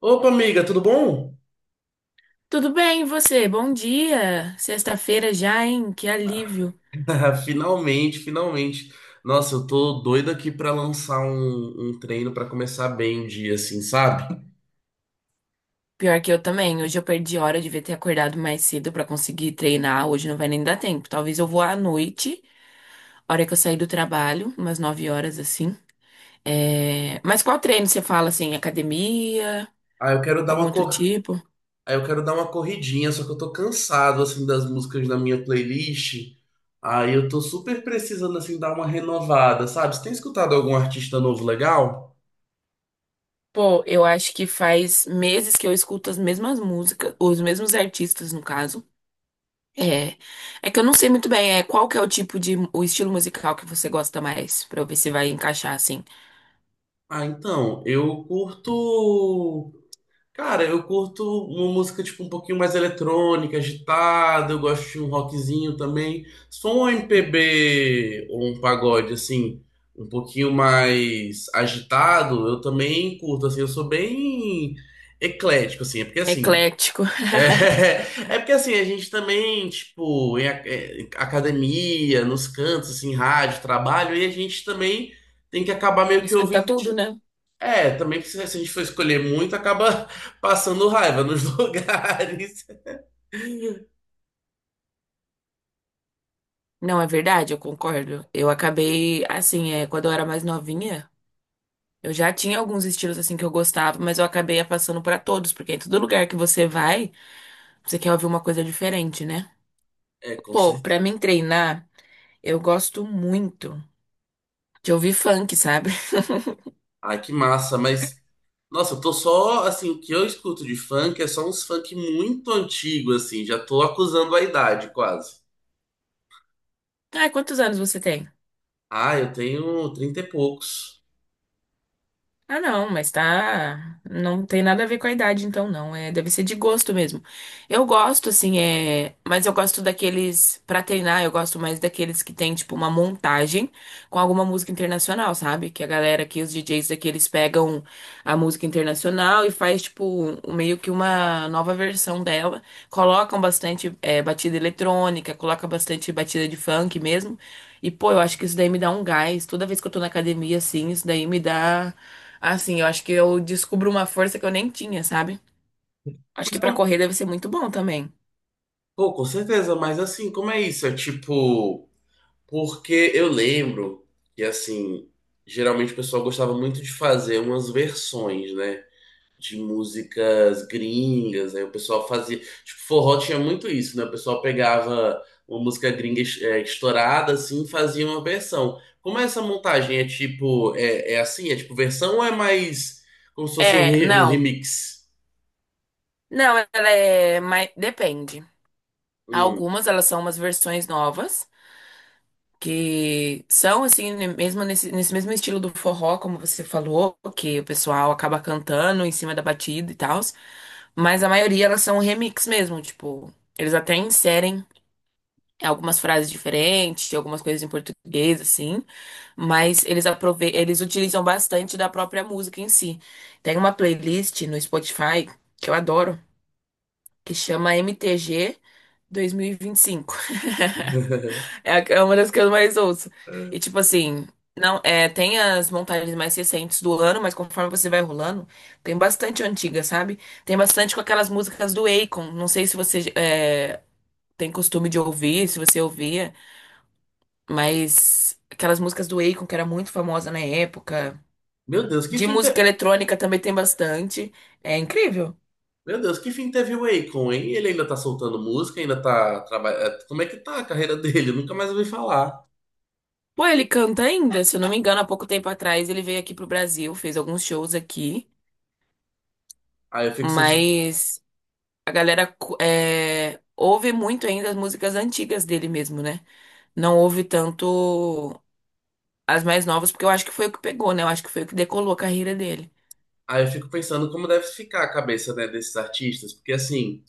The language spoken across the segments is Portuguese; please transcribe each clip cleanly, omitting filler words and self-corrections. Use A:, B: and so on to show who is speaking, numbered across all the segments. A: Opa, amiga, tudo bom?
B: Tudo bem, e você? Bom dia! Sexta-feira já, hein? Que alívio!
A: Finalmente, finalmente. Nossa, eu tô doido aqui pra lançar um treino pra começar bem o dia, assim, sabe?
B: Pior que eu também. Hoje eu perdi hora, eu devia ter acordado mais cedo pra conseguir treinar. Hoje não vai nem dar tempo. Talvez eu vou à noite, hora que eu sair do trabalho, umas 9 horas assim. Mas qual treino você fala assim? Academia?
A: Ah, eu quero dar
B: Algum
A: uma
B: outro
A: cor...
B: tipo?
A: ah, eu quero dar uma corridinha, só que eu tô cansado, assim, das músicas da minha playlist. Aí eu tô super precisando, assim, dar uma renovada, sabe? Você tem escutado algum artista novo legal?
B: Pô, eu acho que faz meses que eu escuto as mesmas músicas, os mesmos artistas, no caso. É, é que eu não sei muito bem, qual que é o tipo de o estilo musical que você gosta mais, pra eu ver se vai encaixar assim.
A: Ah, então, eu curto. Cara, eu curto uma música tipo um pouquinho mais eletrônica, agitada, eu gosto de um rockzinho também. Se for um MPB ou um pagode assim, um pouquinho mais agitado, eu também curto assim, eu sou bem eclético assim, é porque assim,
B: Eclético.
A: é, é porque assim, a gente também, tipo, em academia, nos cantos assim, rádio, trabalho, e a gente também tem que acabar meio que
B: Escuta
A: ouvindo.
B: tudo, né?
A: Também que se a gente for escolher muito, acaba passando raiva nos lugares.
B: Não, é verdade, eu concordo. Eu acabei assim, quando eu era mais novinha, eu já tinha alguns estilos assim que eu gostava, mas eu acabei passando pra todos, porque em todo lugar que você vai, você quer ouvir uma coisa diferente, né?
A: É, com
B: Pô, pra
A: certeza.
B: mim treinar, eu gosto muito de ouvir funk, sabe?
A: Ai, que massa, mas. Nossa, eu tô só, assim, o que eu escuto de funk é só uns funk muito antigo, assim, já tô acusando a idade, quase.
B: Ah, quantos anos você tem?
A: Ah, eu tenho 30 e poucos.
B: Ah, não, mas tá. Não tem nada a ver com a idade, então não. É, deve ser de gosto mesmo. Eu gosto, assim, é. Mas eu gosto daqueles. Pra treinar, eu gosto mais daqueles que tem, tipo, uma montagem com alguma música internacional, sabe? Que a galera aqui, os DJs daqui, eles pegam a música internacional e faz, tipo, meio que uma nova versão dela. Colocam bastante, batida eletrônica, colocam bastante batida de funk mesmo. E, pô, eu acho que isso daí me dá um gás. Toda vez que eu tô na academia, assim, isso daí me dá. Assim, eu acho que eu descubro uma força que eu nem tinha, sabe? Acho que
A: Mas
B: pra
A: como,
B: correr deve ser muito bom também.
A: pô, com certeza, mas assim, como é isso? É tipo, porque eu lembro que, assim, geralmente o pessoal gostava muito de fazer umas versões, né? De músicas gringas, aí o pessoal fazia. Tipo, forró tinha muito isso, né? O pessoal pegava uma música gringa estourada, assim, e fazia uma versão. Como é essa montagem? É tipo, é assim? É tipo versão ou é mais como se fosse um,
B: É,
A: re- um
B: não.
A: remix?
B: Não, ela é. Mas depende.
A: Hum.
B: Algumas elas são umas versões novas, que são assim, mesmo nesse, nesse mesmo estilo do forró, como você falou, que o pessoal acaba cantando em cima da batida e tal. Mas a maioria elas são remix mesmo, tipo, eles até inserem algumas frases diferentes, algumas coisas em português, assim, mas eles utilizam bastante da própria música em si. Tem uma playlist no Spotify que eu adoro, que chama MTG 2025. É uma das que eu mais ouço. E tipo assim, não, é, tem as montagens mais recentes do ano, mas conforme você vai rolando, tem bastante antiga, sabe? Tem bastante com aquelas músicas do Akon. Não sei se você é, tem costume de ouvir, se você ouvia. Mas aquelas músicas do Akon, que era muito famosa na época.
A: Meu Deus, que
B: De
A: fim te...
B: música eletrônica também tem bastante. É incrível.
A: Meu Deus, que fim teve o Akon, hein? Ele ainda tá soltando música, ainda tá trabalhando. Como é que tá a carreira dele? Eu nunca mais ouvi falar.
B: Pô, ele canta ainda, se eu não me engano, há pouco tempo atrás ele veio aqui pro Brasil, fez alguns shows aqui,
A: Aí eu fico sentindo.
B: mas a galera cu- é, ouve muito ainda as músicas antigas dele mesmo, né? Não ouve tanto as mais novas, porque eu acho que foi o que pegou, né? Eu acho que foi o que decolou a carreira dele.
A: Aí eu fico pensando como deve ficar a cabeça, né, desses artistas, porque assim,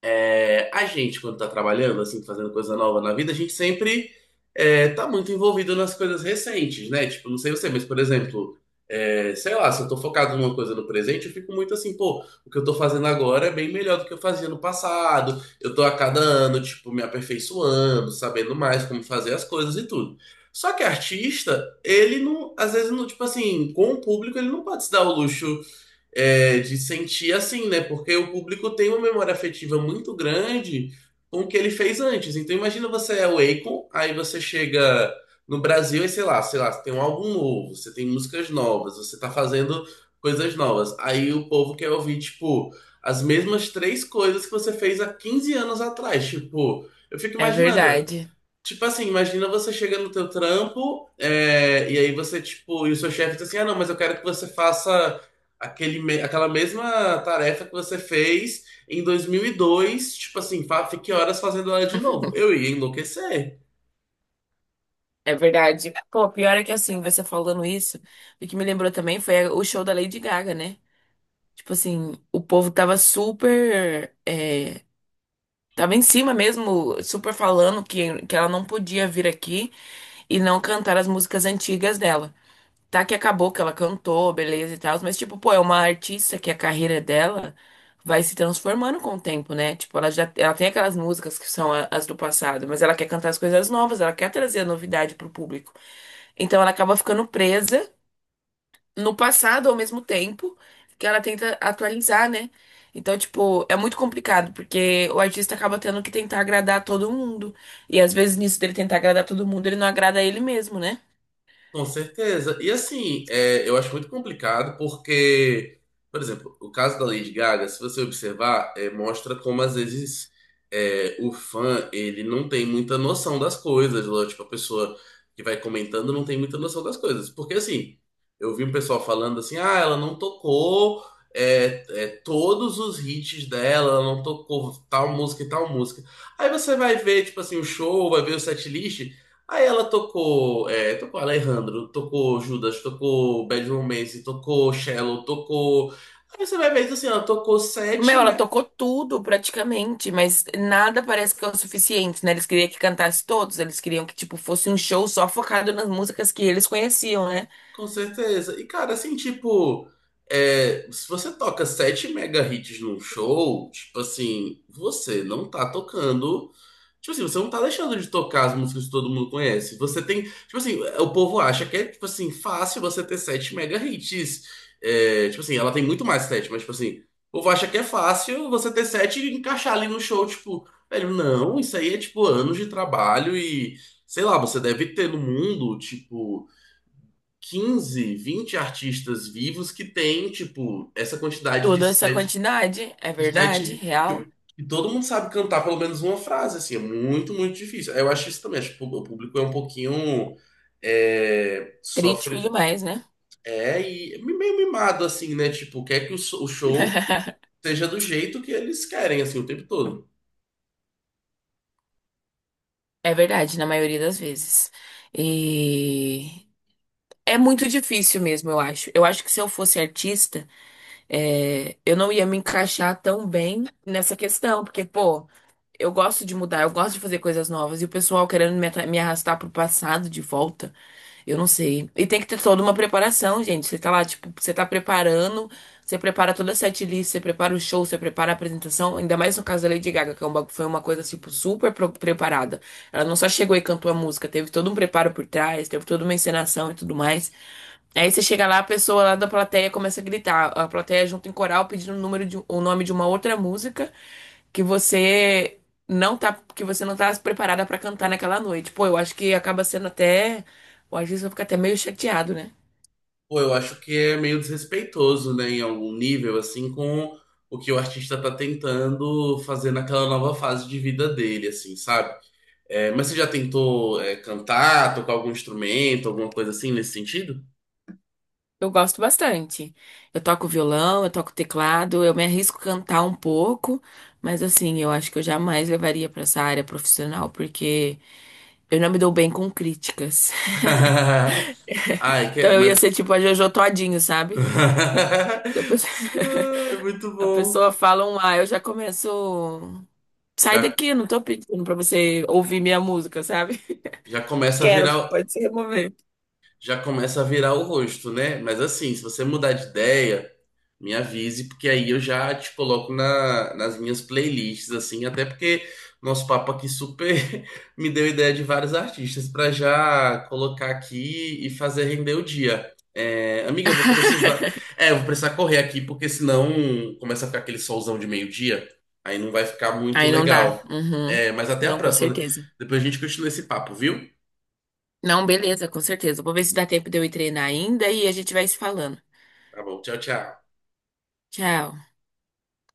A: é, a gente quando tá trabalhando, assim, fazendo coisa nova na vida, a gente sempre tá muito envolvido nas coisas recentes, né? Tipo, não sei você, mas por exemplo, é, sei lá, se eu tô focado numa coisa no presente, eu fico muito assim, pô, o que eu tô fazendo agora é bem melhor do que eu fazia no passado, eu tô a cada ano, tipo, me aperfeiçoando, sabendo mais como fazer as coisas e tudo. Só que artista, ele não, às vezes, não, tipo assim, com o público, ele não pode se dar o luxo de sentir assim, né? Porque o público tem uma memória afetiva muito grande com o que ele fez antes. Então imagina você é o Akon, aí você chega no Brasil e sei lá, você tem um álbum novo, você tem músicas novas, você tá fazendo coisas novas. Aí o povo quer ouvir, tipo, as mesmas três coisas que você fez há 15 anos atrás.
B: É verdade.
A: Tipo assim, imagina você chega no teu trampo, é, e aí você, tipo, e o seu chefe diz assim, ah, não, mas eu quero que você faça aquela mesma tarefa que você fez em 2002. Tipo assim, fique horas fazendo ela de novo. Eu ia enlouquecer.
B: É verdade. Pô, pior é que assim, você falando isso, o que me lembrou também foi o show da Lady Gaga, né? Tipo assim, o povo tava super. Tava em cima mesmo, super falando que ela não podia vir aqui e não cantar as músicas antigas dela. Tá que acabou que ela cantou, beleza e tal, mas tipo, pô, é uma artista que a carreira dela vai se transformando com o tempo, né? Tipo, ela tem aquelas músicas que são as do passado, mas ela quer cantar as coisas novas, ela quer trazer a novidade pro público. Então ela acaba ficando presa no passado ao mesmo tempo que ela tenta atualizar, né? Então, tipo, é muito complicado, porque o artista acaba tendo que tentar agradar todo mundo. E às vezes nisso dele tentar agradar todo mundo, ele não agrada ele mesmo, né?
A: Com certeza. E assim, eu acho muito complicado porque, por exemplo, o caso da Lady Gaga, se você observar, é, mostra como às vezes o fã ele não tem muita noção das coisas, né? Tipo, a pessoa que vai comentando não tem muita noção das coisas. Porque assim, eu vi um pessoal falando assim, ah, ela não tocou todos os hits dela, ela não tocou tal música e tal música. Aí você vai ver, tipo assim, o show, vai ver o setlist. Aí ela tocou, é, tocou Alejandro, tocou Judas, tocou Bad Romance, tocou Shallow, tocou. Aí você vai ver assim, ela tocou
B: Meu,
A: sete,
B: ela
A: me-
B: tocou tudo praticamente, mas nada parece que é o suficiente, né? Eles queriam que cantasse todos, eles queriam que, tipo, fosse um show só focado nas músicas que eles conheciam, né?
A: Com certeza. E cara, assim, tipo, se você toca sete mega hits num show, tipo assim, você não tá tocando. Tipo assim, você não tá deixando de tocar as músicas que todo mundo conhece. Você tem. Tipo assim, o povo acha que é, tipo assim, fácil você ter sete mega hits. É, tipo assim, ela tem muito mais sete, mas, tipo assim, o povo acha que é fácil você ter sete e encaixar ali no show. Tipo, velho, não, isso aí é, tipo, anos de trabalho e. Sei lá, você deve ter no mundo, tipo, 15 20 artistas vivos que tem, tipo, essa quantidade de
B: Toda essa
A: set
B: quantidade, é
A: de
B: verdade,
A: sete que,
B: real,
A: que todo mundo sabe cantar pelo menos uma frase, assim, é muito, muito difícil. Eu acho isso também, acho que o público é um pouquinho
B: crítico
A: sofre,
B: demais, né?
A: e meio mimado, assim, né? Tipo, quer que o show seja do jeito que eles querem, assim, o tempo todo.
B: É verdade, na maioria das vezes. E é muito difícil mesmo, eu acho. Eu acho que se eu fosse artista, eu não ia me encaixar tão bem nessa questão, porque, pô eu gosto de mudar, eu gosto de fazer coisas novas. E o pessoal querendo me arrastar pro passado de volta, eu não sei. E tem que ter toda uma preparação, gente. Você tá lá, tipo, você tá preparando, você prepara toda a setlist, você prepara o show, você prepara a apresentação. Ainda mais no caso da Lady Gaga, que é foi uma coisa, tipo, super preparada. Ela não só chegou e cantou a música, teve todo um preparo por trás, teve toda uma encenação e tudo mais. Aí você chega lá, a pessoa lá da plateia começa a gritar. A plateia junto em coral pedindo o nome de uma outra música que você não tá, porque você não tá preparada pra cantar naquela noite. Pô, eu acho que acaba sendo até, o às vezes eu fico até meio chateado, né?
A: Pô, eu acho que é meio desrespeitoso, né, em algum nível, assim, com o que o artista tá tentando fazer naquela nova fase de vida dele, assim, sabe? É, mas você já tentou, é, cantar, tocar algum instrumento, alguma coisa assim nesse sentido?
B: Eu gosto bastante. Eu toco violão, eu toco teclado, eu me arrisco a cantar um pouco, mas assim, eu acho que eu jamais levaria pra essa área profissional, porque eu não me dou bem com críticas.
A: Ai,
B: Então
A: que...
B: eu ia
A: mas.
B: ser tipo a Jojo Todinho, sabe? A pessoa,
A: Ai, muito
B: a
A: bom.
B: pessoa fala um ah, eu já começo. Sai
A: Já,
B: daqui, não tô pedindo pra você ouvir minha música, sabe?
A: já começa a
B: Quero,
A: virar,
B: pode se remover.
A: Já começa a virar o rosto, né? Mas assim, se você mudar de ideia. Me avise, porque aí eu já te coloco na, nas minhas playlists, assim, até porque nosso papo aqui super me deu ideia de vários artistas para já colocar aqui e fazer render o dia. É, amiga, eu vou precisar. É, eu vou precisar correr aqui, porque senão começa a ficar aquele solzão de meio-dia, aí não vai ficar muito
B: Aí não dá.
A: legal.
B: Uhum.
A: É, mas até a
B: Não, com
A: próxima.
B: certeza.
A: Depois a gente continua esse papo, viu?
B: Não, beleza, com certeza. Vou ver se dá tempo de eu ir treinar ainda e a gente vai se falando.
A: Tá bom, tchau, tchau.
B: Tchau.